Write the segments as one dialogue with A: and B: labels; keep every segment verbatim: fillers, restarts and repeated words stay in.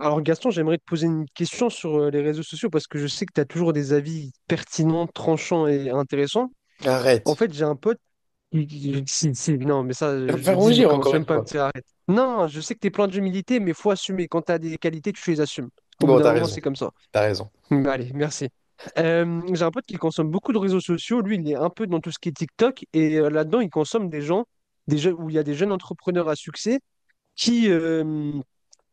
A: Alors Gaston, j'aimerais te poser une question sur euh, les réseaux sociaux parce que je sais que tu as toujours des avis pertinents, tranchants et intéressants.
B: Mais
A: En
B: arrête.
A: fait, j'ai un pote qui... qui- si, si, non, mais ça,
B: Tu
A: euh,
B: vas me
A: je le
B: faire
A: dis, mais
B: rougir
A: commence
B: encore une
A: même pas à me
B: fois.
A: dire arrête. Non, je sais que tu es plein d'humilité, mais faut assumer. Quand tu as des qualités, tu les assumes. Au bout
B: Bon,
A: d'un
B: t'as
A: moment,
B: raison.
A: c'est comme ça.
B: T'as raison.
A: Mais allez, merci. Euh, j'ai un pote qui consomme beaucoup de réseaux sociaux. Lui, il est un peu dans tout ce qui est TikTok et euh, là-dedans, il consomme des gens, des jeux, où il y a des jeunes entrepreneurs à succès qui, euh,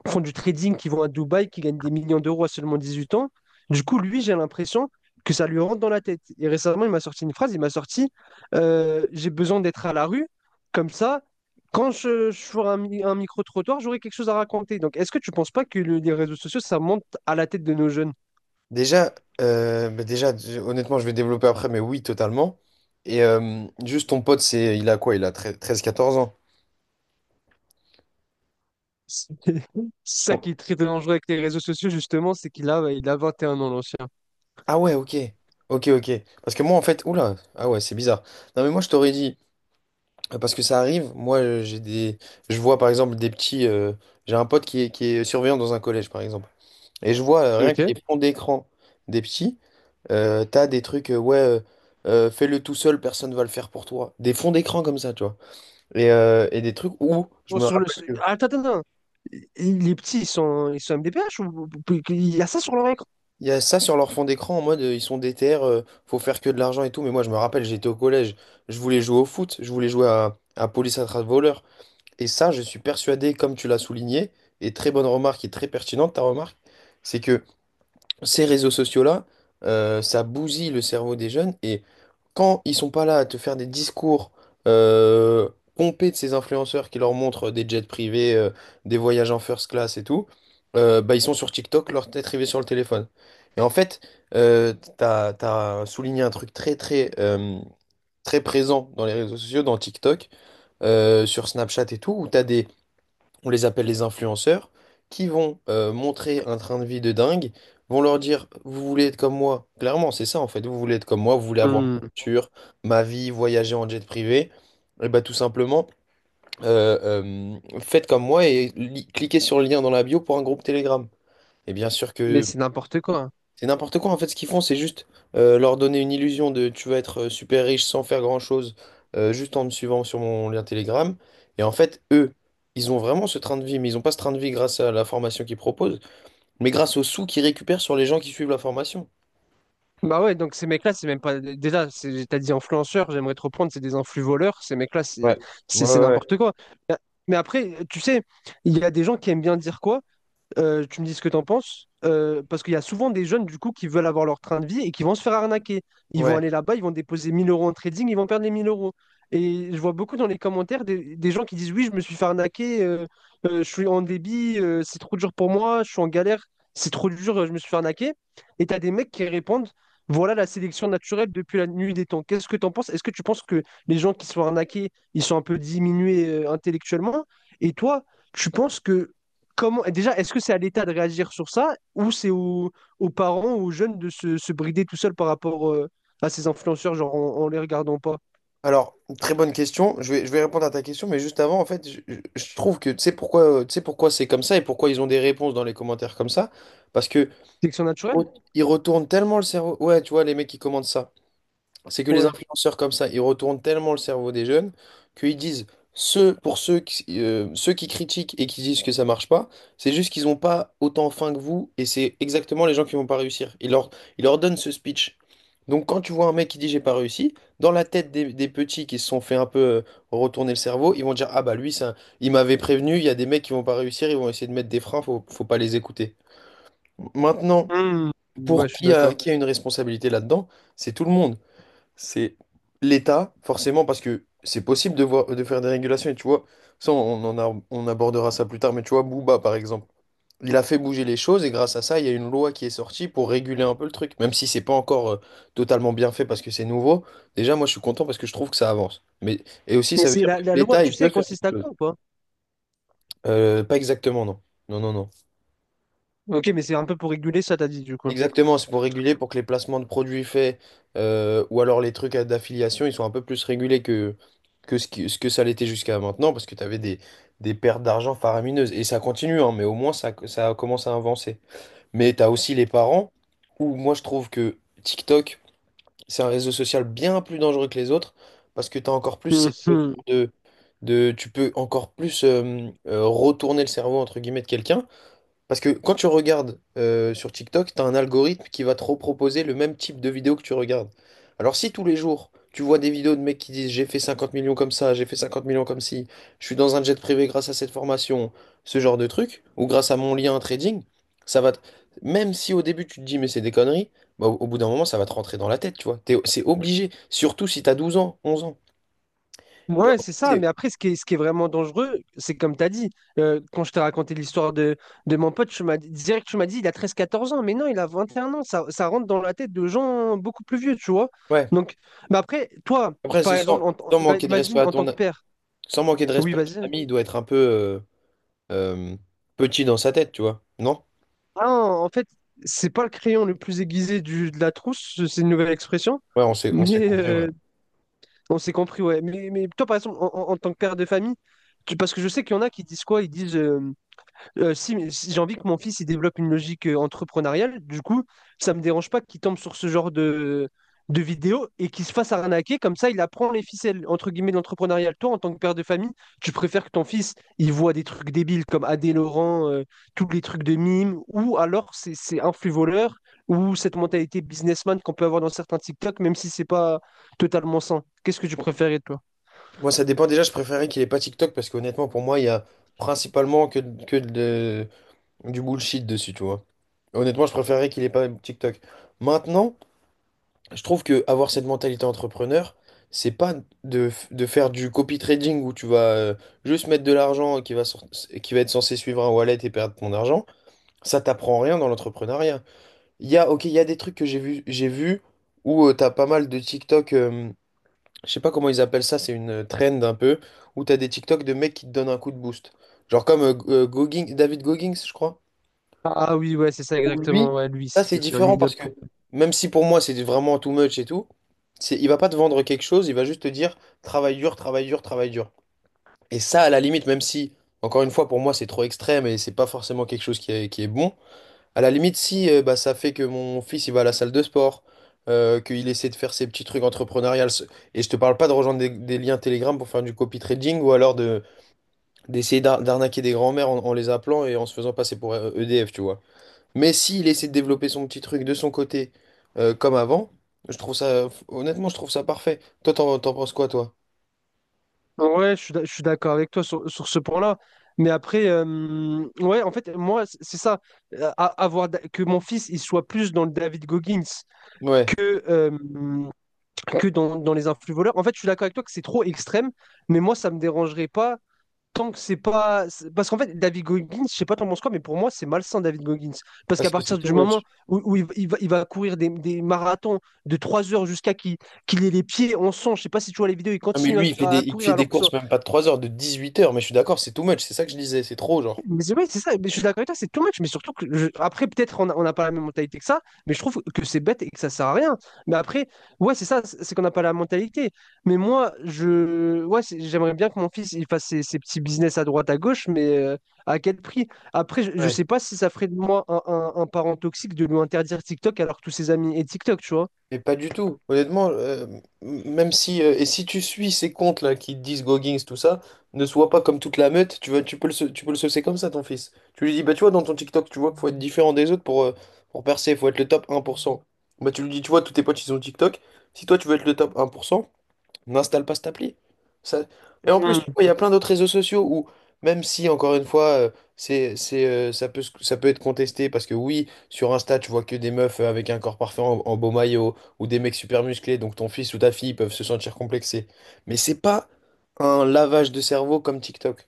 A: font du trading, qui vont à Dubaï, qui gagnent des millions d'euros à seulement dix-huit ans. Du coup, lui, j'ai l'impression que ça lui rentre dans la tête. Et récemment, il m'a sorti une phrase, il m'a sorti euh, j'ai besoin d'être à la rue, comme ça, quand je, je ferai un, mi- un micro-trottoir, j'aurai quelque chose à raconter. Donc, est-ce que tu ne penses pas que le- les réseaux sociaux, ça monte à la tête de nos jeunes?
B: Déjà, euh, bah déjà, d- honnêtement, je vais développer après, mais oui, totalement. Et euh, juste ton pote, c'est, il a quoi? Il a tre- treize, quatorze ans.
A: C'est ça
B: Bon.
A: qui est très dangereux avec les réseaux sociaux, justement, c'est qu'il a, il a vingt et un ans, l'ancien.
B: Ah ouais, ok. Ok, ok. Parce que moi, en fait, oula, ah ouais, c'est bizarre. Non, mais moi, je t'aurais dit, euh, parce que ça arrive, moi, euh, j'ai des. Je vois, par exemple, des petits. euh, J'ai un pote qui est, qui est surveillant dans un collège, par exemple. Et je vois euh, rien
A: Ok.
B: que les fonds d'écran des petits, euh, t'as des trucs, euh, ouais, euh, euh, fais-le tout seul, personne va le faire pour toi. Des fonds d'écran comme ça, tu vois. Et, euh, et des trucs où je
A: Bon,
B: me
A: sur le...
B: rappelle que
A: Attends, attends, attends. Il- Les petits, ils sont, ils sont M D P H ou... Il y a ça sur leur.
B: il y a ça sur leur fond d'écran en mode euh, ils sont déter, euh, faut faire que de l'argent et tout. Mais moi, je me rappelle, j'étais au collège, je voulais jouer au foot, je voulais jouer à, à police attrape voleur. Et ça, je suis persuadé, comme tu l'as souligné, et très bonne remarque et très pertinente ta remarque, c'est que ces réseaux sociaux-là, euh, ça bousille le cerveau des jeunes, et quand ils sont pas là à te faire des discours euh, pompés de ces influenceurs qui leur montrent des jets privés, euh, des voyages en first class et tout, euh, bah ils sont sur TikTok, leur tête rivée sur le téléphone. Et en fait, euh, t'as, t'as souligné un truc très très euh, très présent dans les réseaux sociaux, dans TikTok, euh, sur Snapchat et tout, où t'as des, on les appelle les influenceurs, qui vont euh, montrer un train de vie de dingue, vont leur dire, vous voulez être comme moi. Clairement, c'est ça en fait, vous voulez être comme moi, vous voulez avoir ma
A: Hmm,
B: voiture, ma vie, voyager en jet privé. Et bah tout simplement, euh, euh, faites comme moi et li- cliquez sur le lien dans la bio pour un groupe Telegram. Et bien sûr
A: mais
B: que
A: c'est n'importe quoi.
B: c'est n'importe quoi en fait ce qu'ils font, c'est juste euh, leur donner une illusion de, tu vas être euh, super riche sans faire grand-chose, euh, juste en me suivant sur mon lien Telegram. Et en fait, eux, ils ont vraiment ce train de vie, mais ils ont pas ce train de vie grâce à la formation qu'ils proposent, mais grâce aux sous qu'ils récupèrent sur les gens qui suivent la formation.
A: Bah ouais, donc ces mecs-là, c'est même pas. Déjà, c'est- t'as dit influenceurs, j'aimerais te reprendre, c'est des influ-voleurs. Ces mecs-là, c'est
B: Ouais,
A: c'est
B: ouais,
A: c'est
B: ouais,
A: n'importe quoi. Mais mais après, tu sais, il y a des gens qui aiment bien dire quoi? Euh, tu me dis ce que t'en penses. Euh, parce qu'il y a souvent des jeunes du coup qui veulent avoir leur train de vie et qui vont se faire arnaquer. Ils vont
B: ouais.
A: aller là-bas, ils vont déposer mille euros en trading, ils vont perdre les mille euros. Et je vois beaucoup dans les commentaires des, des gens qui disent oui, je me suis fait arnaquer, euh, euh, je suis en débit, euh, c'est trop dur pour moi, je suis en galère, c'est trop dur, euh, je me suis fait arnaquer. Et t'as des mecs qui répondent, voilà la sélection naturelle depuis la nuit des temps. Qu'est-ce que t'en penses? Est-ce que tu penses que les gens qui sont arnaqués, ils sont un peu diminués euh, intellectuellement? Et toi, tu penses que comment, déjà, est-ce que c'est à l'État de réagir sur ça ou c'est aux, aux parents ou aux jeunes de se, se brider tout seul par rapport euh, à ces influenceurs, genre en, en les regardant pas?
B: Alors, très bonne question. Je vais, je vais répondre à ta question, mais juste avant, en fait, je, je- je trouve que tu sais pourquoi, euh, tu sais pourquoi c'est comme ça et pourquoi ils ont des réponses dans les commentaires comme ça. Parce que
A: Sélection
B: oh,
A: naturelle?
B: ils retournent tellement le cerveau. Ouais, tu vois, les mecs qui commentent ça. C'est que les
A: Ouais.
B: influenceurs comme ça, ils retournent tellement le cerveau des jeunes qu'ils disent, ceux, pour ceux qui, euh, ceux qui critiquent et qui disent que ça marche pas, c'est juste qu'ils n'ont pas autant faim que vous et c'est exactement les gens qui vont pas réussir. Ils leur, ils leur donnent ce speech. Donc quand tu vois un mec qui dit j'ai pas réussi, dans la tête des, des petits qui se sont fait un peu euh, retourner le cerveau, ils vont dire, ah bah lui, ça, il m'avait prévenu, il y a des mecs qui vont pas réussir, ils vont essayer de mettre des freins, faut, faut pas les écouter. Maintenant,
A: Hmm. Ouais,
B: pour
A: je suis
B: qui a,
A: d'accord.
B: qui a une responsabilité là-dedans, c'est tout le monde, c'est l'État, forcément, parce que c'est possible de voir, de faire des régulations, et tu vois, ça, on en a- on abordera ça plus tard, mais tu vois, Booba, par exemple, il a fait bouger les choses, et grâce à ça, il y a une loi qui est sortie pour réguler un peu le truc, même si c'est pas encore euh, totalement bien fait parce que c'est nouveau. Déjà, moi, je suis content parce que je trouve que ça avance. Mais, et aussi,
A: Mais
B: ça veut
A: c'est
B: dire
A: la,
B: que
A: la loi,
B: l'État,
A: tu
B: il
A: sais,
B: peut
A: elle
B: faire
A: consiste
B: quelque
A: à
B: chose.
A: quoi ou pas?
B: Euh, pas exactement, non. Non, non, non.
A: Ok, mais c'est un peu pour réguler ça, t'as dit du coup.
B: Exactement, c'est pour réguler, pour que les placements de produits faits euh, ou alors les trucs à- d'affiliation, ils sont un peu plus régulés que, que ce qui- ce que ça l'était jusqu'à maintenant, parce que tu avais des, des pertes d'argent faramineuses. Et ça continue, hein, mais au moins ça, ça commence à avancer. Mais tu as aussi les parents, où moi je trouve que TikTok, c'est un réseau social bien plus dangereux que les autres, parce que tu as encore plus cette notion
A: Mhm.
B: de, de... Tu peux encore plus euh, euh, retourner le cerveau, entre guillemets, de quelqu'un. Parce que quand tu regardes euh, sur TikTok, tu as un algorithme qui va te reproposer le même type de vidéo que tu regardes. Alors si tous les jours, tu vois des vidéos de mecs qui disent j'ai fait cinquante millions comme ça, j'ai fait cinquante millions comme ci, je suis dans un jet privé grâce à cette formation, ce genre de truc, ou grâce à mon lien trading, ça va te- même si au début tu te dis mais c'est des conneries, bah, au au bout d'un moment ça va te rentrer dans la tête, tu vois. T'es- C'est obligé, surtout si tu as douze ans, onze ans. Et en
A: Ouais, c'est
B: fait,
A: ça.
B: c'est-
A: Mais après, ce qui est, ce qui est vraiment dangereux, c'est comme tu as dit, euh, quand je t'ai raconté l'histoire de, de mon pote, tu m'as dit, direct, tu m'as dit, il a treize quatorze ans. Mais non, il a vingt et un ans. Ça, ça rentre dans la tête de gens beaucoup plus vieux, tu vois.
B: Ouais.
A: Donc, mais après, toi,
B: Après,
A: par
B: c'est
A: exemple,
B: sans,
A: en tant-
B: sans
A: ima-
B: manquer de respect
A: imagine
B: à
A: en
B: ton,
A: tant que père.
B: sans manquer de
A: Oui,
B: respect à ton
A: vas-y.
B: ami, il doit être un peu... euh, euh, petit dans sa tête, tu vois. Non?
A: Ah, en fait, c'est pas le crayon le plus aiguisé du, de la trousse, c'est une nouvelle expression.
B: Ouais, on s'est, on s'est
A: Mais
B: compris, ouais.
A: euh, on s'est compris, ouais. Mais, mais toi, par exemple, en, en- en tant que père de famille, tu- parce que je sais qu'il y en a qui disent quoi? Ils disent. Euh, si, mais si j'ai envie que mon fils il développe une logique euh, entrepreneuriale, du coup, ça me dérange pas qu'il tombe sur ce genre de, de vidéo et qu'il se fasse arnaquer. Comme ça, il apprend les ficelles, entre guillemets, d'entrepreneurial. Toi, en tant que père de famille, tu préfères que ton fils il voit des trucs débiles comme Adé Laurent, euh, tous les trucs de mime, ou alors c'est c'est un flux voleur, ou cette mentalité businessman qu'on peut avoir dans certains TikTok, même si c'est pas totalement sain. Qu'est-ce que tu préférais, toi?
B: Moi, ça dépend déjà, je préférais qu'il ait pas TikTok parce qu'honnêtement, pour moi, il y a principalement que, que de, du bullshit dessus, tu vois. Honnêtement, je préférais qu'il ait pas TikTok. Maintenant, je trouve que avoir cette mentalité entrepreneur, c'est pas de, f- de faire du copy trading où tu vas euh, juste mettre de l'argent qui va, sor- qui va être censé suivre un wallet et perdre ton argent. Ça t'apprend rien dans l'entrepreneuriat. Il y a, ok, il y a des trucs que j'ai vu, j'ai vu où euh, t'as pas mal de TikTok, euh, je sais pas comment ils appellent ça, c'est une euh, trend un peu, où t'as des TikTok de mecs qui te donnent un coup de boost. Genre comme euh, G- euh, Goggins- David Goggins, je crois.
A: Ah oui, ouais, c'est ça
B: Ou lui,
A: exactement. Ouais, lui,
B: ça
A: c'est
B: c'est
A: devenu un
B: différent
A: idole
B: parce que,
A: pour.
B: même si pour moi c'est vraiment too much et tout, c'est, il va pas te vendre quelque chose, il va juste te dire travaille dur, travaille dur, travaille dur. Et ça, à la limite, même si, encore une fois, pour moi c'est trop extrême et c'est pas forcément quelque chose qui est, qui est bon. À la limite, si euh, bah, ça fait que mon fils il va à la salle de sport, euh, qu'il essaie de faire ses petits trucs entrepreneuriales, ce- et je te parle pas de rejoindre des, des liens Telegram pour faire du copy trading ou alors de d'essayer d'ar- d'arnaquer des grands-mères en, en les appelant et en se faisant passer pour euh, E D F, tu vois. Mais s'il essaie de développer son petit truc de son côté euh, comme avant, je trouve ça, honnêtement, je trouve ça parfait. Toi, t'en, t'en penses quoi, toi?
A: Ouais, je suis d'ac- je suis d'accord avec toi sur, sur ce point-là. Mais après, euh, ouais, en fait, moi, c- c'est ça. Euh, a- Avoir da- que mon fils, il soit plus dans le David Goggins
B: Ouais,
A: que, euh, que dans, dans les influx voleurs. En fait, je suis d'accord avec toi que c'est trop extrême, mais moi, ça me dérangerait pas tant que c'est pas. C'est- parce qu'en fait, David Goggins, je sais pas t'en penses quoi, mais pour moi, c'est malsain, David Goggins. Parce qu'à
B: parce que c'est
A: partir
B: too
A: du moment
B: much.
A: où, où il, va, il va- il va courir des, des marathons de trois heures jusqu'à qu'il qu'il ait les pieds en sang, je sais pas si tu vois les vidéos, il
B: Non, mais
A: continue
B: lui, il fait
A: à,
B: des,
A: à
B: il
A: courir
B: fait des
A: alors que ça.
B: courses même pas de trois heures, de dix-huit heures, mais je suis d'accord, c'est too much, c'est ça que je disais, c'est trop, genre.
A: Mais c'est- ouais, c'est ça, mais je suis d'accord avec toi, c'est too much, mais surtout que je- après, peut-être on a- on n'a pas la même mentalité que ça, mais je trouve que c'est bête et que ça sert à rien. Mais après, ouais, c'est ça, c'est c'est qu'on n'a pas la mentalité. Mais moi, je ouais, c'est- j'aimerais bien que mon fils il fasse ses, ses petits business à droite, à gauche, mais euh, à quel prix? Après, je, je
B: Ouais.
A: sais pas si ça ferait de moi un, un- un parent toxique de lui interdire TikTok alors que tous ses amis et TikTok, tu vois.
B: Mais pas du tout. Honnêtement, euh, m- même si euh, et si tu suis ces comptes-là qui te disent Goggins, tout ça, ne sois pas comme toute la meute, tu vois, tu peux le sau- tu peux le saucer comme ça, ton fils. Tu lui dis, bah tu vois, dans ton TikTok, tu vois qu'il faut être différent des autres pour, euh, pour percer, il faut être le top un pour cent. Bah tu lui dis, tu vois, tous tes potes, ils ont TikTok. Si toi tu veux être le top un pour cent, n'installe pas cette appli. Ça- Et en plus, tu vois, il y a plein d'autres réseaux sociaux où, même si, encore une fois, euh, c'est, c'est, euh, ça peut, se- ça peut être contesté, parce que oui, sur Insta, tu vois que des meufs euh, avec un corps parfait en, en beau maillot, ou des mecs super musclés, donc ton fils ou ta fille peuvent se sentir complexés. Mais c'est pas un lavage de cerveau comme TikTok.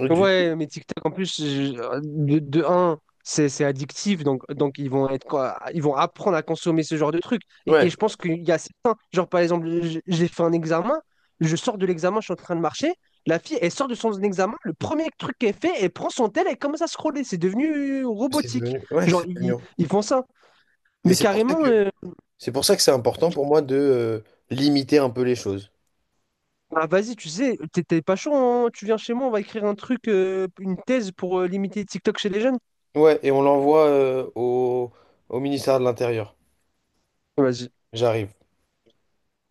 B: Du tout.
A: Ouais, mais TikTok en plus je- euh, de, de un, c'est c'est addictif donc donc ils vont être quoi, ils vont apprendre à consommer ce genre de trucs. Et, et
B: Ouais,
A: je pense qu'il y a certains, genre par exemple, j- j'ai fait un examen, je sors de l'examen, je suis en train de marcher, la fille elle sort de son examen, le premier truc qu'elle fait, elle prend son tel, elle commence à scroller, c'est devenu
B: c'est
A: robotique.
B: devenu. Ouais,
A: Genre
B: c'est devenu.
A: ils, ils font ça,
B: Et
A: mais
B: c'est pour ça
A: carrément
B: que,
A: euh,
B: c'est pour ça que c'est important pour moi de, euh, limiter un peu les choses.
A: ah, vas-y, tu sais, t'es t'es pas chaud, hein, tu viens chez moi, on va écrire un truc, euh, une thèse pour euh, limiter TikTok chez les jeunes.
B: Ouais, et on l'envoie, euh, au, au ministère de l'Intérieur.
A: Vas-y.
B: J'arrive